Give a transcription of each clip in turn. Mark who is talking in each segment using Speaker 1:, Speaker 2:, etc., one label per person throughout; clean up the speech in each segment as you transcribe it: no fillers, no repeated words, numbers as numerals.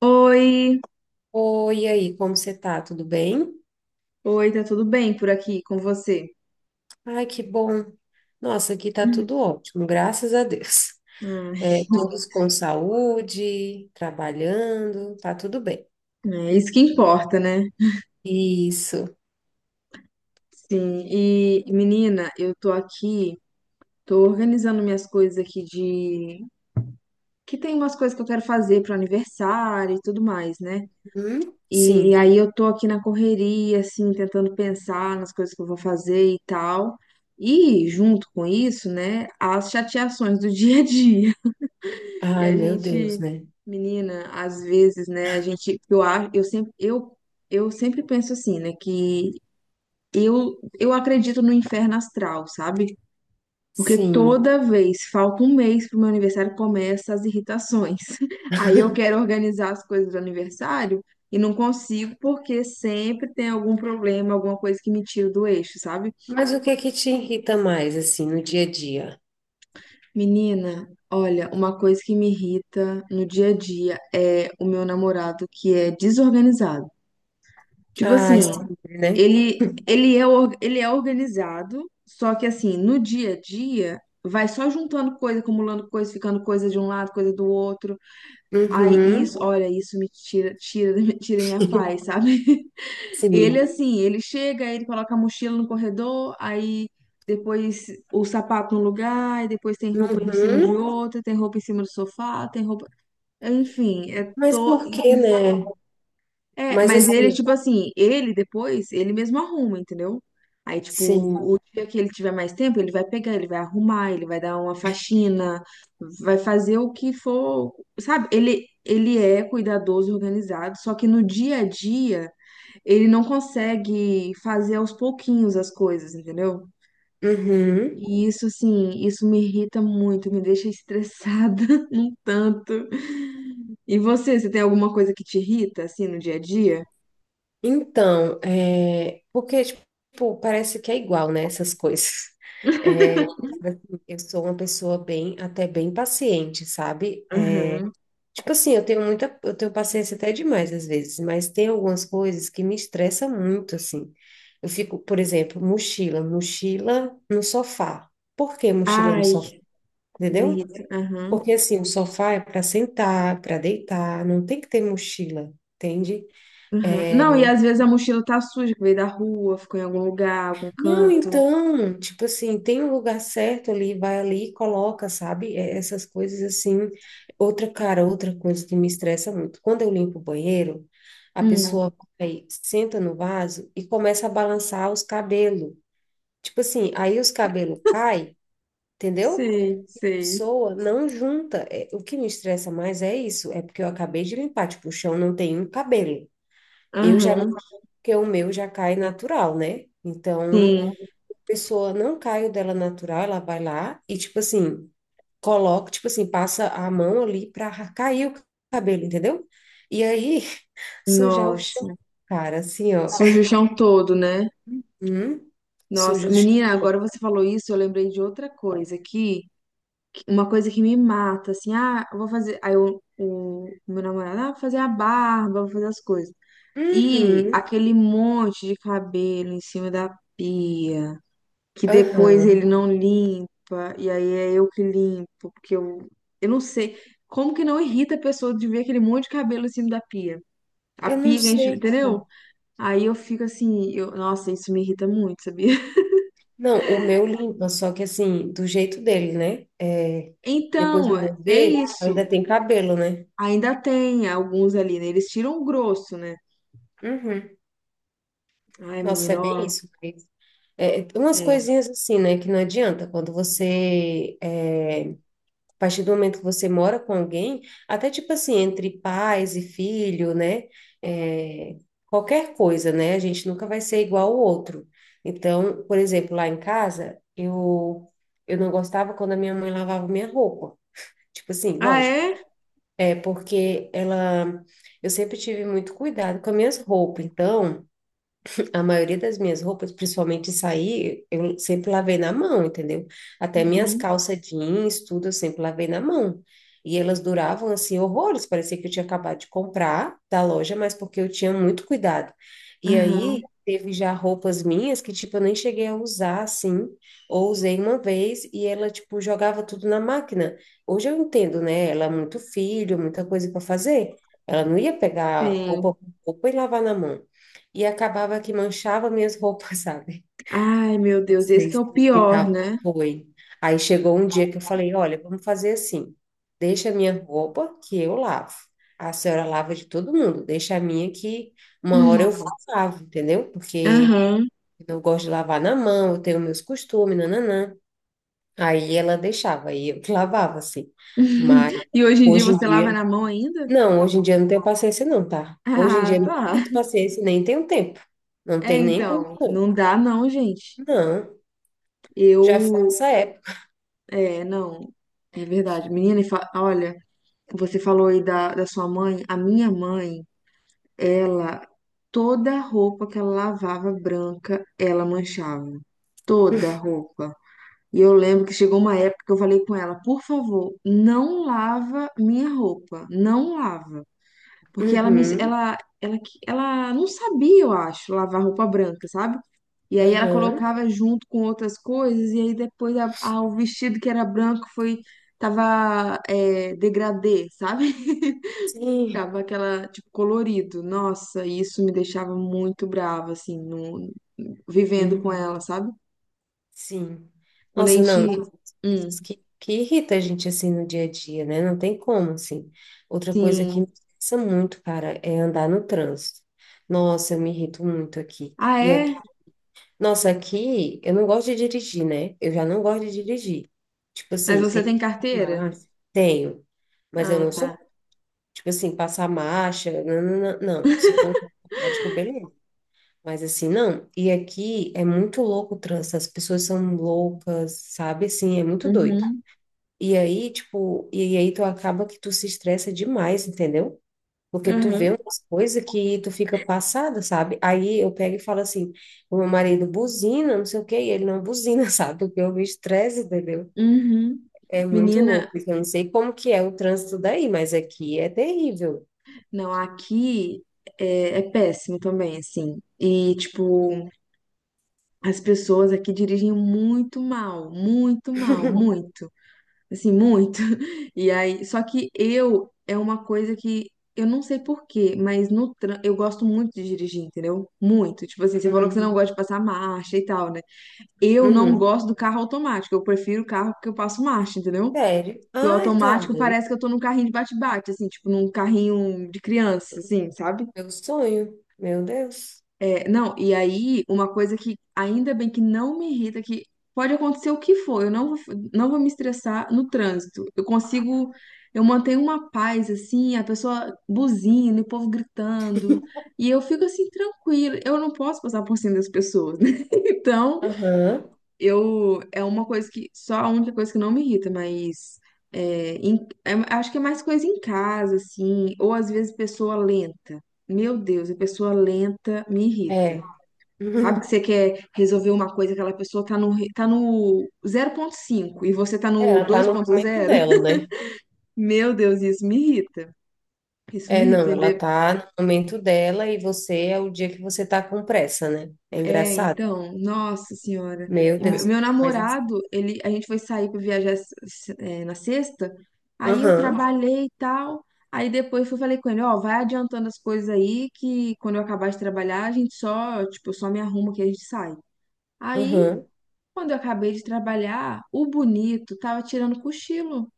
Speaker 1: Oi,
Speaker 2: Oi, e aí, como você tá? Tudo bem?
Speaker 1: oi, tá tudo bem por aqui com você?
Speaker 2: Ai, que bom. Nossa, aqui tá tudo ótimo, graças a Deus.
Speaker 1: Hum.
Speaker 2: É, todos com saúde, trabalhando, tá tudo bem.
Speaker 1: É isso que importa, né?
Speaker 2: Isso.
Speaker 1: Sim, e menina, eu tô aqui, tô organizando minhas coisas aqui de que tem umas coisas que eu quero fazer pro aniversário e tudo mais, né?
Speaker 2: Hum?
Speaker 1: E
Speaker 2: Sim.
Speaker 1: aí eu tô aqui na correria, assim, tentando pensar nas coisas que eu vou fazer e tal. E junto com isso, né, as chateações do dia a dia. E
Speaker 2: Ai,
Speaker 1: a
Speaker 2: meu Deus,
Speaker 1: gente,
Speaker 2: né?
Speaker 1: menina, às vezes, né, a gente, eu acho, eu sempre, eu sempre penso assim, né, que eu acredito no inferno astral, sabe? Porque
Speaker 2: Sim.
Speaker 1: toda vez, falta um mês pro meu aniversário, começa as irritações. Aí eu quero organizar as coisas do aniversário e não consigo porque sempre tem algum problema, alguma coisa que me tira do eixo, sabe?
Speaker 2: Mas o que é que te irrita mais, assim, no dia a dia?
Speaker 1: Menina, olha, uma coisa que me irrita no dia a dia é o meu namorado que é desorganizado. Tipo
Speaker 2: Ai,
Speaker 1: assim,
Speaker 2: sempre, né?
Speaker 1: ele é organizado, só que assim, no dia a dia, vai só juntando coisa, acumulando coisa, ficando coisa de um lado, coisa do outro. Aí
Speaker 2: Uhum.
Speaker 1: isso, olha, isso me tira minha paz, sabe? Ele
Speaker 2: Sim.
Speaker 1: assim, ele chega, aí ele coloca a mochila no corredor, aí depois o sapato num lugar, e depois tem roupa em cima de
Speaker 2: Uhum.
Speaker 1: outra, tem roupa em cima do sofá, tem roupa. Enfim, é
Speaker 2: Mas
Speaker 1: to.
Speaker 2: por quê, né?
Speaker 1: É,
Speaker 2: Mas
Speaker 1: mas
Speaker 2: assim,
Speaker 1: ele, tipo assim, ele depois, ele mesmo arruma, entendeu? Aí, tipo,
Speaker 2: sim.
Speaker 1: o dia que ele tiver mais tempo, ele vai pegar, ele vai arrumar, ele vai dar uma faxina, vai fazer o que for, sabe? Ele é cuidadoso e organizado, só que no dia a dia, ele não consegue fazer aos pouquinhos as coisas, entendeu?
Speaker 2: Uhum.
Speaker 1: E isso, assim, isso me irrita muito, me deixa estressada um tanto. E você tem alguma coisa que te irrita, assim, no dia a dia?
Speaker 2: Então, é, porque, tipo, parece que é igual, né, essas coisas. É, sabe, assim, eu sou uma pessoa bem, até bem paciente, sabe? É,
Speaker 1: Aham.
Speaker 2: tipo assim, eu tenho paciência até demais às vezes, mas tem algumas coisas que me estressam muito, assim. Eu fico, por exemplo, mochila, mochila no sofá. Por que mochila no sofá?
Speaker 1: Ai, me
Speaker 2: Entendeu?
Speaker 1: irrita. Aham,
Speaker 2: Porque, assim, o sofá é para sentar, para deitar, não tem que ter mochila, entende?
Speaker 1: aham. Não, e às vezes a mochila tá suja, que veio da rua, ficou em algum lugar, algum
Speaker 2: Não,
Speaker 1: canto.
Speaker 2: então, tipo assim, tem um lugar certo ali, vai ali, e coloca, sabe? É, essas coisas assim. Outra, cara, outra coisa que me estressa muito. Quando eu limpo o banheiro, a
Speaker 1: Hum,
Speaker 2: pessoa aí senta no vaso e começa a balançar os cabelos. Tipo assim, aí os cabelos caem, entendeu?
Speaker 1: sei, sei.
Speaker 2: Pessoa não junta. É, o que me estressa mais é isso, é porque eu acabei de limpar, tipo, o chão não tem um cabelo. Eu já,
Speaker 1: Aham,
Speaker 2: porque o meu já cai natural, né? Então
Speaker 1: sim.
Speaker 2: pessoa não cai o dela natural, ela vai lá e, tipo assim, coloca, tipo assim, passa a mão ali pra cair o cabelo, entendeu? E aí, sujar o
Speaker 1: Nossa.
Speaker 2: chão, cara, assim, ó.
Speaker 1: Suja o chão todo, né?
Speaker 2: Hum,
Speaker 1: Nossa,
Speaker 2: suja o chão.
Speaker 1: menina, agora você falou isso, eu lembrei de outra coisa aqui, que- uma coisa que me mata, assim, ah, eu vou fazer, aí eu- o meu namorado, ah, vou fazer a barba, vou fazer as coisas. E
Speaker 2: Uhum,
Speaker 1: aquele monte de cabelo em cima da pia. Que depois
Speaker 2: aham.
Speaker 1: ele não limpa, e aí é eu que limpo, porque eu não sei como que não irrita a pessoa de ver aquele monte de cabelo em cima da pia. A
Speaker 2: Eu não
Speaker 1: pia que a gente,
Speaker 2: sei, cara.
Speaker 1: entendeu? Aí eu fico assim, eu, nossa, isso me irrita muito, sabia?
Speaker 2: Não, o meu limpa, só que assim, do jeito dele, né? É, depois
Speaker 1: Então,
Speaker 2: eu vou
Speaker 1: é
Speaker 2: ver,
Speaker 1: isso.
Speaker 2: ainda tem cabelo, né?
Speaker 1: Ainda tem alguns ali, né? Eles tiram o grosso, né?
Speaker 2: Uhum.
Speaker 1: Ai,
Speaker 2: Nossa, é
Speaker 1: menina,
Speaker 2: bem
Speaker 1: ó.
Speaker 2: isso. É, umas
Speaker 1: É.
Speaker 2: coisinhas assim, né, que não adianta quando você, é, a partir do momento que você mora com alguém, até tipo assim, entre pais e filho, né, é, qualquer coisa, né, a gente nunca vai ser igual ao outro. Então, por exemplo, lá em casa, eu não gostava quando a minha mãe lavava minha roupa. Tipo assim,
Speaker 1: Ah,
Speaker 2: lógico.
Speaker 1: é?
Speaker 2: É porque ela, eu sempre tive muito cuidado com as minhas roupas, então a maioria das minhas roupas, principalmente sair, eu sempre lavei na mão, entendeu? Até minhas
Speaker 1: Uhum.
Speaker 2: calças jeans, tudo, eu sempre lavei na mão. E elas duravam assim horrores, parecia que eu tinha acabado de comprar da loja, mas porque eu tinha muito cuidado. E
Speaker 1: Aham,
Speaker 2: aí teve já roupas minhas que tipo eu nem cheguei a usar assim, ou usei uma vez e ela tipo jogava tudo na máquina. Hoje eu entendo, né? Ela é muito filho, muita coisa para fazer. Ela não ia pegar roupa,
Speaker 1: tem.
Speaker 2: roupa e lavar na mão. E acabava que manchava minhas roupas, sabe?
Speaker 1: Ai, meu Deus, esse que é
Speaker 2: Vocês
Speaker 1: o
Speaker 2: que
Speaker 1: pior,
Speaker 2: tava.
Speaker 1: né?
Speaker 2: Foi. Aí chegou um dia que eu falei, olha, vamos fazer assim. Deixa a minha roupa que eu lavo. A senhora lava de todo mundo. Deixa a minha que uma hora
Speaker 1: Hum,
Speaker 2: eu vou e lavo, entendeu? Porque
Speaker 1: aham.
Speaker 2: eu não gosto de lavar na mão, eu tenho meus costumes, nananã. Aí ela deixava, aí eu que lavava, assim. Mas
Speaker 1: E hoje em dia
Speaker 2: hoje em
Speaker 1: você lava
Speaker 2: dia,
Speaker 1: na mão ainda?
Speaker 2: não, hoje em dia eu não tenho paciência não, tá? Hoje em dia
Speaker 1: Ah,
Speaker 2: eu não
Speaker 1: tá.
Speaker 2: tenho paciência, nem tenho tempo. Não
Speaker 1: É,
Speaker 2: tem nem como.
Speaker 1: então, não dá não, gente.
Speaker 2: Não, já foi
Speaker 1: Eu,
Speaker 2: essa época.
Speaker 1: é, não. É verdade. Menina, e fa- olha, você falou aí da sua mãe. A minha mãe, ela, toda roupa que ela lavava branca, ela manchava. Toda roupa. E eu lembro que chegou uma época que eu falei com ela, por favor, não lava minha roupa. Não lava. Porque ela me,
Speaker 2: Uhum,
Speaker 1: ela não sabia, eu acho, lavar roupa branca, sabe? E aí ela
Speaker 2: aham,
Speaker 1: colocava junto com outras coisas, e aí depois o vestido que era branco tava é, degradê, sabe?
Speaker 2: sim,
Speaker 1: Ficava aquela, tipo, colorido. Nossa, e isso me deixava muito brava, assim, no, vivendo com
Speaker 2: uhum,
Speaker 1: ela, sabe?
Speaker 2: sim.
Speaker 1: Quando a
Speaker 2: Nossa,
Speaker 1: gente.
Speaker 2: não,
Speaker 1: Hum,
Speaker 2: coisas que irrita a gente assim no dia a dia, né? Não tem como, assim. Outra coisa que
Speaker 1: sim.
Speaker 2: me estressa muito, cara, é andar no trânsito. Nossa, eu me irrito muito aqui.
Speaker 1: Ah,
Speaker 2: E
Speaker 1: é?
Speaker 2: aqui, nossa, aqui eu não gosto de dirigir, né? Eu já não gosto de dirigir. Tipo
Speaker 1: Mas
Speaker 2: assim,
Speaker 1: você
Speaker 2: ter que
Speaker 1: tem carteira?
Speaker 2: arrumar, tenho, mas eu
Speaker 1: Ah,
Speaker 2: não
Speaker 1: tá.
Speaker 2: sou, tipo assim, passar marcha, não, não, não, não. Se for automático, beleza. Mas assim, não. E aqui é muito louco o trânsito, as pessoas são loucas, sabe? Assim, é muito doido.
Speaker 1: Uhum,
Speaker 2: E aí tu acaba que tu se estressa demais, entendeu? Porque tu vê umas coisas que tu fica passada, sabe? Aí eu pego e falo assim, o meu marido buzina, não sei o quê, e ele não buzina, sabe? Porque eu me estresse, entendeu?
Speaker 1: uhum.
Speaker 2: É muito louco,
Speaker 1: Menina,
Speaker 2: porque eu não sei como que é o trânsito daí, mas aqui é terrível.
Speaker 1: não, aqui é péssimo também, assim. E, tipo, as pessoas aqui dirigem muito mal, muito mal, muito, assim, muito. E aí, só que eu é uma coisa que eu não sei por quê, mas no tran- eu gosto muito de dirigir, entendeu? Muito. Tipo assim, você falou que você não
Speaker 2: Uhum.
Speaker 1: gosta de passar marcha e tal, né? Eu não
Speaker 2: Uhum.
Speaker 1: gosto do carro automático. Eu prefiro o carro que eu passo marcha, entendeu?
Speaker 2: Sério?
Speaker 1: Que o
Speaker 2: Ai, tá
Speaker 1: automático
Speaker 2: doido.
Speaker 1: parece que eu tô num carrinho de bate-bate, assim, tipo num carrinho de criança, assim, sabe?
Speaker 2: Meu sonho. Meu Deus.
Speaker 1: É, não, e aí, uma coisa que ainda bem que não me irrita, que pode acontecer o que for, eu não vou me estressar no trânsito. Eu consigo, eu mantenho uma paz, assim, a pessoa buzina, o povo gritando, e eu fico assim, tranquila. Eu não posso passar por cima das pessoas, né? Então,
Speaker 2: Aham,
Speaker 1: eu, é uma coisa que, só a única coisa que não me irrita, mas é, em- é- acho que é mais coisa em casa, assim, ou às vezes pessoa lenta. Meu Deus, a pessoa lenta me irrita.
Speaker 2: é.
Speaker 1: Sabe que
Speaker 2: Uhum.
Speaker 1: você quer resolver uma coisa, aquela pessoa tá no 0,5 e você tá no
Speaker 2: Ela tá no momento
Speaker 1: 2,0?
Speaker 2: dela, né?
Speaker 1: Meu Deus, isso me irrita. Isso
Speaker 2: É,
Speaker 1: me irrita,
Speaker 2: não, ela
Speaker 1: entendeu?
Speaker 2: tá no momento dela e você é o dia que você tá com pressa, né? É
Speaker 1: É,
Speaker 2: engraçado.
Speaker 1: então, nossa senhora.
Speaker 2: Meu
Speaker 1: E me-
Speaker 2: Deus.
Speaker 1: meu
Speaker 2: Mas assim,
Speaker 1: namorado, ele, a gente foi sair pra viajar s- s- é, na sexta, aí eu
Speaker 2: aham,
Speaker 1: trabalhei e tal. Aí depois eu falei com ele, ó, vai adiantando as coisas aí que quando eu acabar de trabalhar, a gente só, tipo, eu só me arrumo que a gente sai. Aí,
Speaker 2: aham.
Speaker 1: quando eu acabei de trabalhar, o bonito tava tirando cochilo.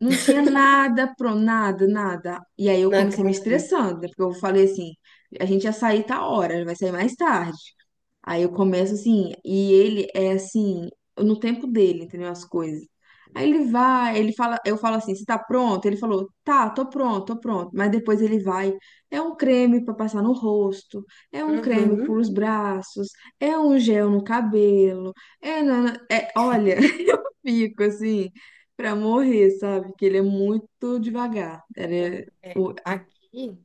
Speaker 1: Não tinha nada pro nada, nada. E aí eu
Speaker 2: Não
Speaker 1: comecei me
Speaker 2: acredito.
Speaker 1: estressando, né? Porque eu falei assim, a gente ia sair tal hora, vai sair mais tarde. Aí eu começo assim, e ele é assim, no tempo dele, entendeu? As coisas. Aí ele vai, ele fala, eu falo assim, você tá pronto? Ele falou, tá, tô pronto, tô pronto. Mas depois ele vai, é um creme pra passar no rosto, é um creme para
Speaker 2: Uhum.
Speaker 1: os braços, é um gel no cabelo, é, nana- é, olha, fico assim, pra morrer, sabe? Que ele é muito devagar. Ele
Speaker 2: Não,
Speaker 1: é,
Speaker 2: é,
Speaker 1: o-
Speaker 2: aqui,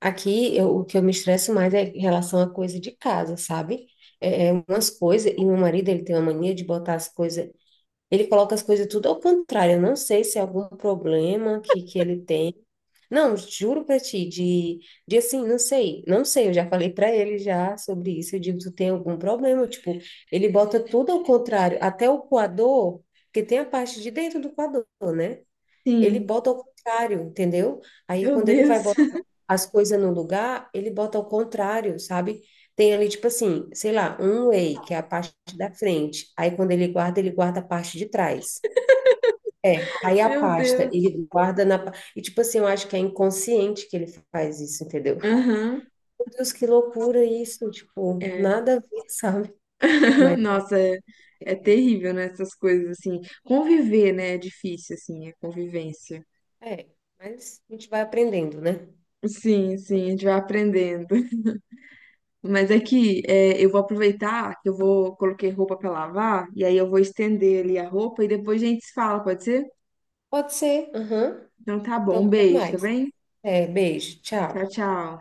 Speaker 2: aqui eu- o que eu me estresso mais é em relação a coisa de casa, sabe? É umas coisas, e meu marido, ele tem uma mania de botar as coisas. Ele coloca as coisas tudo ao contrário. Eu não sei se é algum problema que ele tem. Não, juro pra ti, de assim, não sei, não sei, eu já falei pra ele já sobre isso. Eu digo, tu tem algum problema? Tipo, ele bota tudo ao contrário, até o coador, porque tem a parte de dentro do coador, né? Ele
Speaker 1: sim,
Speaker 2: bota ao contrário, entendeu? Aí
Speaker 1: meu
Speaker 2: quando ele vai
Speaker 1: Deus,
Speaker 2: botar as coisas no lugar, ele bota ao contrário, sabe? Tem ali, tipo assim, sei lá, um whey, que é a parte da frente. Aí quando ele guarda a parte de trás. É. Aí a
Speaker 1: meu
Speaker 2: pasta,
Speaker 1: Deus.
Speaker 2: ele guarda. E tipo assim, eu acho que é inconsciente que ele faz isso, entendeu?
Speaker 1: Aham.
Speaker 2: Meu Deus, que loucura isso, tipo,
Speaker 1: É.
Speaker 2: nada a ver, sabe? Mas
Speaker 1: Nossa, é terrível, né? Essas coisas assim. Conviver, né? É difícil, assim, a convivência.
Speaker 2: é, mas a gente vai aprendendo, né?
Speaker 1: Sim, sim, a gente vai aprendendo. Mas é que é, eu vou aproveitar que eu vou coloquei roupa pra lavar e aí eu vou estender ali a roupa e depois a gente se fala, pode ser?
Speaker 2: Pode ser. Aham.
Speaker 1: Então tá
Speaker 2: Então,
Speaker 1: bom, um
Speaker 2: até
Speaker 1: beijo, tá
Speaker 2: mais.
Speaker 1: bem?
Speaker 2: É, beijo,
Speaker 1: Tchau,
Speaker 2: tchau.
Speaker 1: tchau.